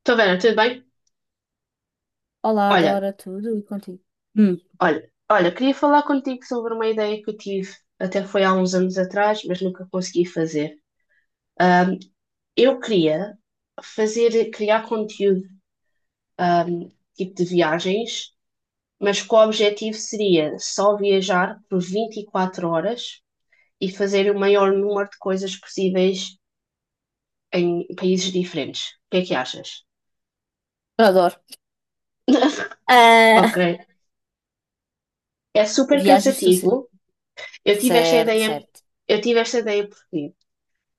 Estou Vera, tudo bem? Olá, Olha, Dora, tudo e contigo? Hum. olha, queria falar contigo sobre uma ideia que eu tive, até foi há uns anos atrás, mas nunca consegui fazer. Eu queria fazer, criar conteúdo, hum, tipo de viagens, mas que o objetivo seria só viajar por 24 horas e fazer o maior número de coisas possíveis em países diferentes. O que é que achas? Adoro. Ok, Ah, é super viagens do cansativo. ce- Eu tive esta Certo, ideia, certo. eu tive esta ideia porque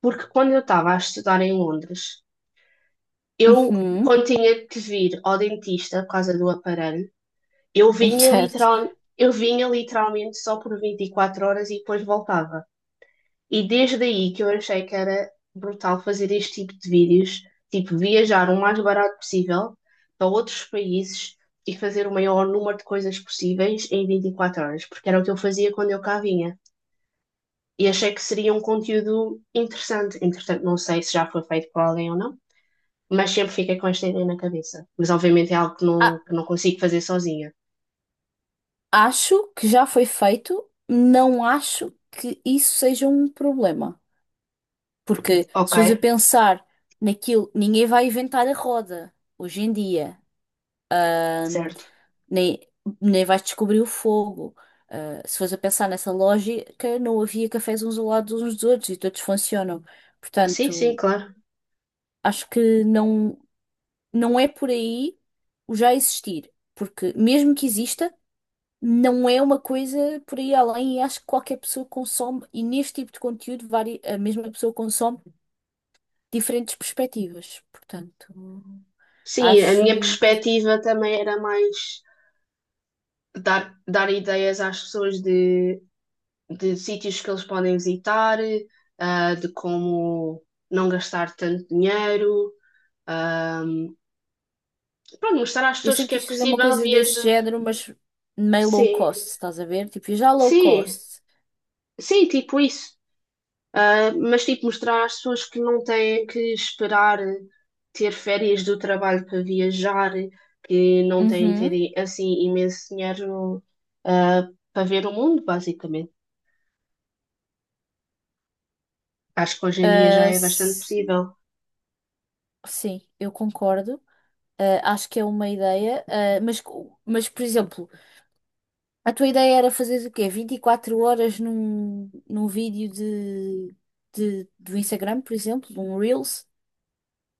Quando eu estava a estudar em Londres, eu, Uhum, quando tinha que vir ao dentista por causa do aparelho, eu vinha certo. literal, eu vinha literalmente só por 24 horas e depois voltava. E desde aí que eu achei que era brutal fazer este tipo de vídeos, tipo viajar o mais barato possível para outros países e fazer o maior número de coisas possíveis em 24 horas, porque era o que eu fazia quando eu cá vinha. E achei que seria um conteúdo interessante. Entretanto, não sei se já foi feito por alguém ou não, mas sempre fica com esta ideia na cabeça. Mas obviamente é algo que A- não, que não consigo fazer sozinha. Acho que já foi feito, não acho que isso seja um problema. Porque se Ok, fores a pensar naquilo, ninguém vai inventar a roda hoje em dia. Ahm, certo. Nem, nem vais descobrir o fogo. Ah, se fores a pensar nessa lógica, não havia cafés uns ao lado uns dos outros e todos funcionam. Sim, sim, Portanto. claro. Acho que não, não é por aí o já existir, porque mesmo que exista, não é uma coisa por aí além e acho que qualquer pessoa consome, e neste tipo de conteúdo, a mesma pessoa consome diferentes perspectivas. Portanto, Sim, a minha acho. perspectiva também era mais dar ideias às pessoas de sítios que eles podem visitar, de como não gastar tanto dinheiro. Pronto, mostrar às Eu pessoas sempre que é quis fazer uma possível coisa desse viajar. género, mas meio low Sim, cost, estás a ver? Tipo, já low sim, cost. sim, tipo isso. Mas, tipo, mostrar às pessoas que não têm que esperar ter férias do trabalho para viajar, que não têm que Uhum. ter, assim, imenso dinheiro, ah, para ver o mundo, basicamente. Acho que hoje em dia já Ah, é bastante possível. sim, eu concordo. Ah, acho que é uma ideia, mas por exemplo. A tua ideia era fazer o quê? 24 horas num vídeo do Instagram, por exemplo, um Reels?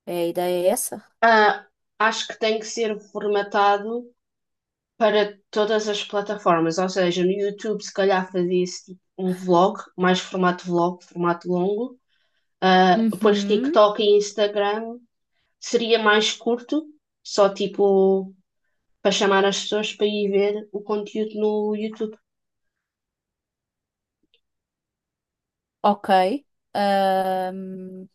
É, a ideia é essa? Ah, acho que tem que ser formatado para todas as plataformas, ou seja, no YouTube, se calhar, fazia-se tipo, um vlog, mais formato vlog, formato longo. Depois Uhum. TikTok e Instagram seria mais curto, só tipo para chamar as pessoas para ir ver o conteúdo no YouTube. Ok. Ahm,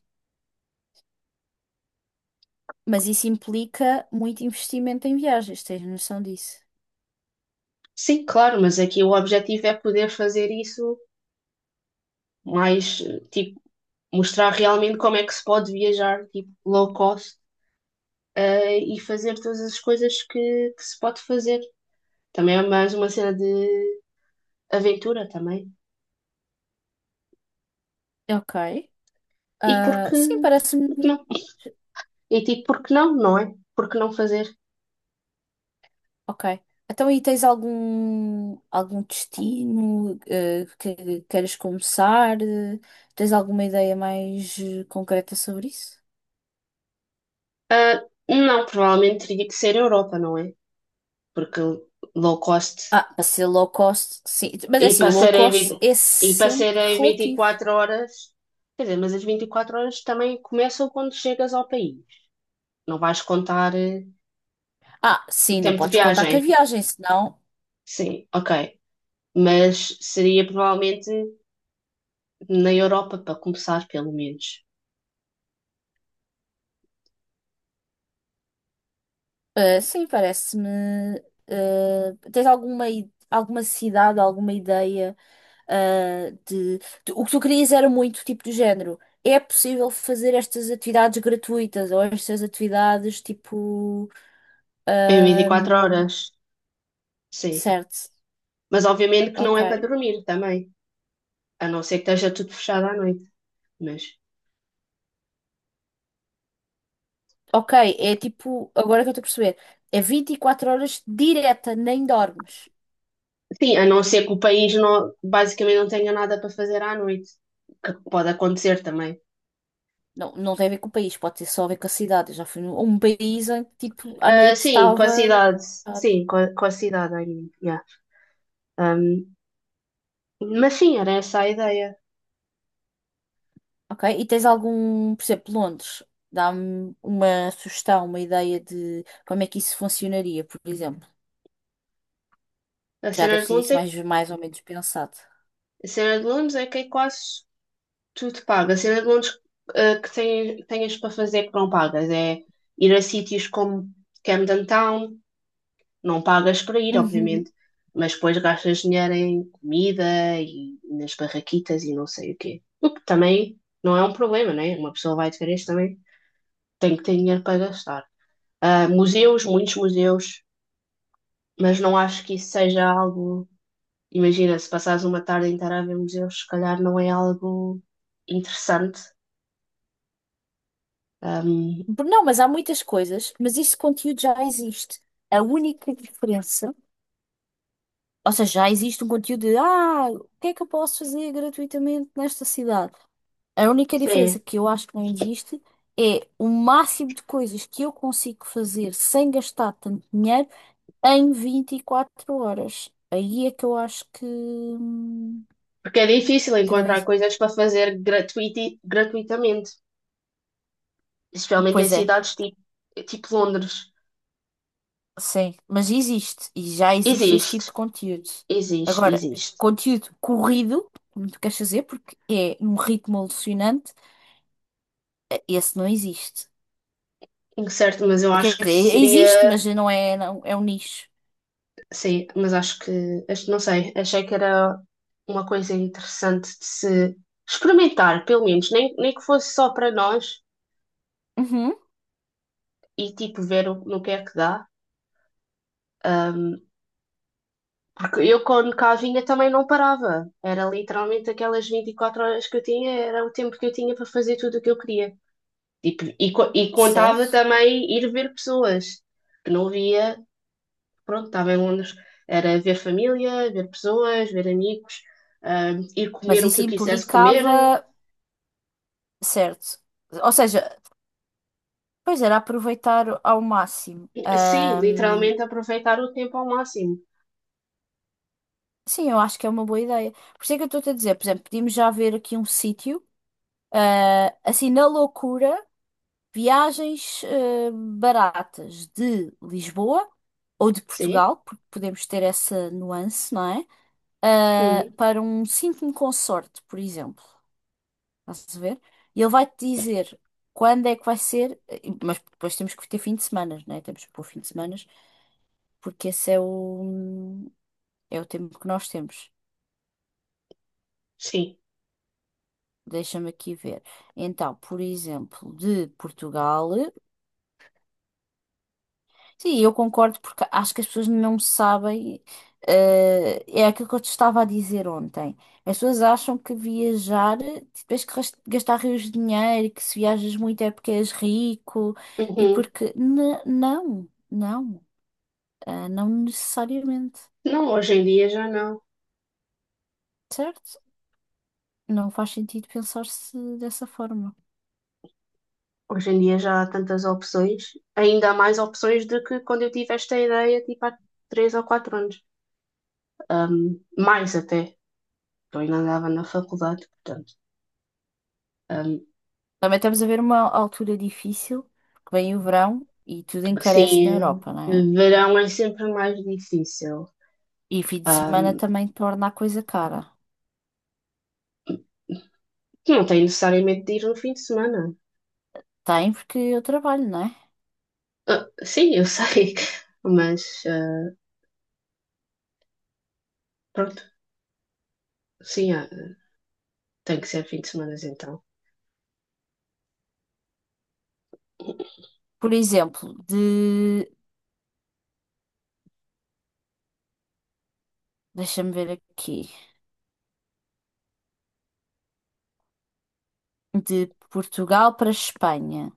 mas isso implica muito investimento em viagens, tens noção disso? Sim, claro, mas aqui o objetivo é poder fazer isso mais, tipo, mostrar realmente como é que se pode viajar, tipo, low cost, e fazer todas as coisas que se pode fazer. Também é mais uma cena de aventura também. Ok. E Ah, sim, parece-me. porque não? E tipo, porque não, não é? Porque não fazer? Ok. Então, e tens algum destino que queiras começar? Tens alguma ideia mais concreta sobre isso? Ah, não, provavelmente teria que ser Europa, não é? Porque low cost Ah, para ser low cost, sim. Mas é e assim, o para low ser em cost 20 é e para sempre serem vinte e relativo. quatro horas, quer dizer, mas as 24 horas também começam quando chegas ao país. Não vais contar Ah, o sim, não tempo de podes contar com a viagem. viagem, senão. Sim, ok. Mas seria provavelmente na Europa, para começar, pelo menos. Ah, sim, parece-me. Ah, tens alguma cidade, alguma ideia. ah, de, O que tu querias era muito tipo do género. É possível fazer estas atividades gratuitas ou estas atividades tipo. Em 24 ahm, horas. Sim. Certo, Mas obviamente que não ok. é para dormir também. A não ser que esteja tudo fechado à noite. Mas. Ok, é tipo, agora é que eu estou a perceber, é 24 horas direta, nem dormes. Sim, a não ser que o país não, basicamente não tenha nada para fazer à noite. Que pode acontecer também. Não, não tem a ver com o país, pode ter só a ver com a cidade. Eu já fui num país em que, tipo, à Ah, noite sim, com estava. a cidade. Sim, com a cidade. I yeah. Um, mas sim, era essa a ideia. Ok, e tens algum, por exemplo, Londres, dá-me uma sugestão, uma ideia de como é que isso funcionaria, por exemplo. A Já cena deve de ser Londres isso é, mais ou menos pensado. a cena de Londres é que é quase tudo pago. A cena de Londres que tens para fazer que não pagas é ir a sítios como Camden Town, não pagas para ir, Uhum. obviamente, mas depois gastas dinheiro em comida e nas barraquitas e não sei o quê. O que também não é um problema, né? Uma pessoa vai de férias também tem que ter dinheiro para gastar. Museus, muitos museus, mas não acho que isso seja algo. Imagina, se passares uma tarde inteira a ver museus, se calhar não é algo interessante. Ahm, Não, mas há muitas coisas, mas esse conteúdo já existe. A única diferença. Ou seja, já existe um conteúdo de o que é que eu posso fazer gratuitamente nesta cidade? A única diferença sim, que eu acho que não existe é o máximo de coisas que eu consigo fazer sem gastar tanto dinheiro em 24 horas. Aí é que eu acho que, hum, porque é difícil que não encontrar existe. coisas para fazer gratuitamente, especialmente em Pois é, cidades tipo, tipo Londres. sim, mas existe e já existe esse Existe, tipo de conteúdo. existe, Agora, existe. conteúdo corrido, como tu queres fazer, porque é num ritmo alucinante, esse não existe. Em certo, mas eu Quer acho que dizer, seria. existe, mas não é, não, é um nicho. Sim, mas não sei, achei que era uma coisa interessante de se experimentar, pelo menos, nem que fosse só para nós Uhum. e tipo ver o, no que é que dá. Ahm, porque eu quando cá vinha também não parava, era literalmente aquelas 24 horas que eu tinha, era o tempo que eu tinha para fazer tudo o que eu queria. Tipo, e contava Certo? também ir ver pessoas que não via, pronto, estava em Londres, era ver família, ver pessoas, ver amigos, ir Mas comer o que isso eu quisesse comer. implicava, certo? Ou seja, pois era aproveitar ao máximo. Sim, literalmente aproveitar o tempo ao máximo. Sim, eu acho que é uma boa ideia. Por isso é que eu estou-te a dizer, por exemplo, podíamos já ver aqui um sítio, assim, na loucura, viagens, baratas de Lisboa ou de Sim? Portugal, porque podemos ter essa nuance, não é? Ah, Uhum, para um sítio consorte, por exemplo. Estás a ver? E ele vai-te dizer quando é que vai ser, mas depois temos que ter fim de semana, né? Temos que pôr fim de semana, porque esse é o tempo que nós temos. sim. Deixa-me aqui ver. Então, por exemplo, de Portugal. Sim, eu concordo porque acho que as pessoas não sabem. É aquilo que eu te estava a dizer ontem. As pessoas acham que viajar, tipo, tens que gastar rios de dinheiro, que se viajas muito é porque és rico e Uhum. porque. Não, não, ah, não necessariamente, Não, hoje em dia já não. certo? Não faz sentido pensar-se dessa forma. Hoje em dia já há tantas opções, ainda há mais opções do que quando eu tive esta ideia, tipo há 3 ou 4 anos. Mais até, porque eu ainda andava na faculdade, portanto. Um, Também estamos a ver uma altura difícil, que vem o verão e tudo encarece na sim, Europa, não é? verão é sempre mais difícil. E fim de semana também torna a coisa cara. Não tem necessariamente de ir no fim de semana. Tem, porque eu trabalho, não é? Ah, sim, eu sei, mas pronto, sim, tem que ser fim de semana então. Por exemplo, de. Deixa-me ver aqui. De Portugal para Espanha.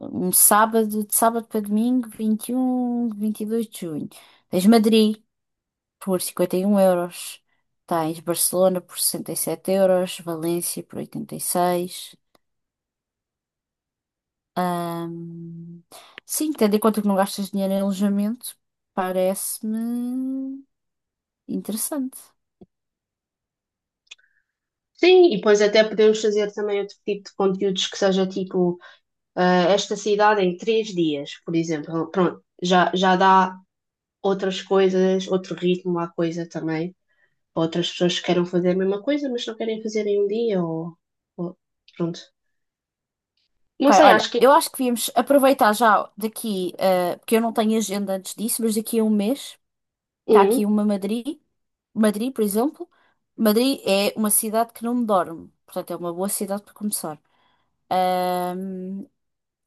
Um sábado, de sábado para domingo, 21, 22 de junho. Tens Madrid por 51 euros. Tens Barcelona por 67 euros. Valência por 86. Ahm, Sim, tendo em conta que não gastas dinheiro em alojamento, parece-me interessante. Sim, e depois até podemos fazer também outro tipo de conteúdos que seja tipo esta cidade em 3 dias, por exemplo. Pronto, já, já dá outras coisas, outro ritmo à coisa também, outras pessoas que queiram fazer a mesma coisa, mas não querem fazer em um dia ou- pronto. Ok, Não sei, olha, acho que. eu acho que devíamos aproveitar já daqui, porque eu não tenho agenda antes disso, mas daqui a um mês está Hum, aqui uma Madrid, por exemplo. Madrid é uma cidade que não dorme, portanto é uma boa cidade para começar.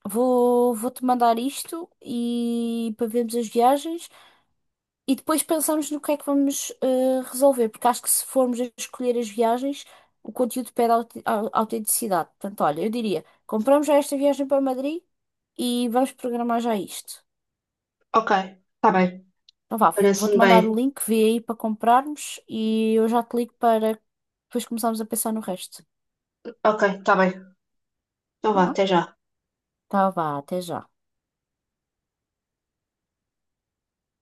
Vou-te mandar isto e para vermos as viagens. E depois pensamos no que é que vamos resolver, porque acho que se formos a escolher as viagens, o conteúdo pede autenticidade. Portanto, olha, eu diria, compramos já esta viagem para Madrid e vamos programar já isto. ok, tá bem, Então vá, vou-te parece-me mandar o bem. link, vê aí para comprarmos e eu já te ligo para depois começarmos a pensar no resto. Ok, tá bem. Então vá, Tá bom? até já. Então vá, até já.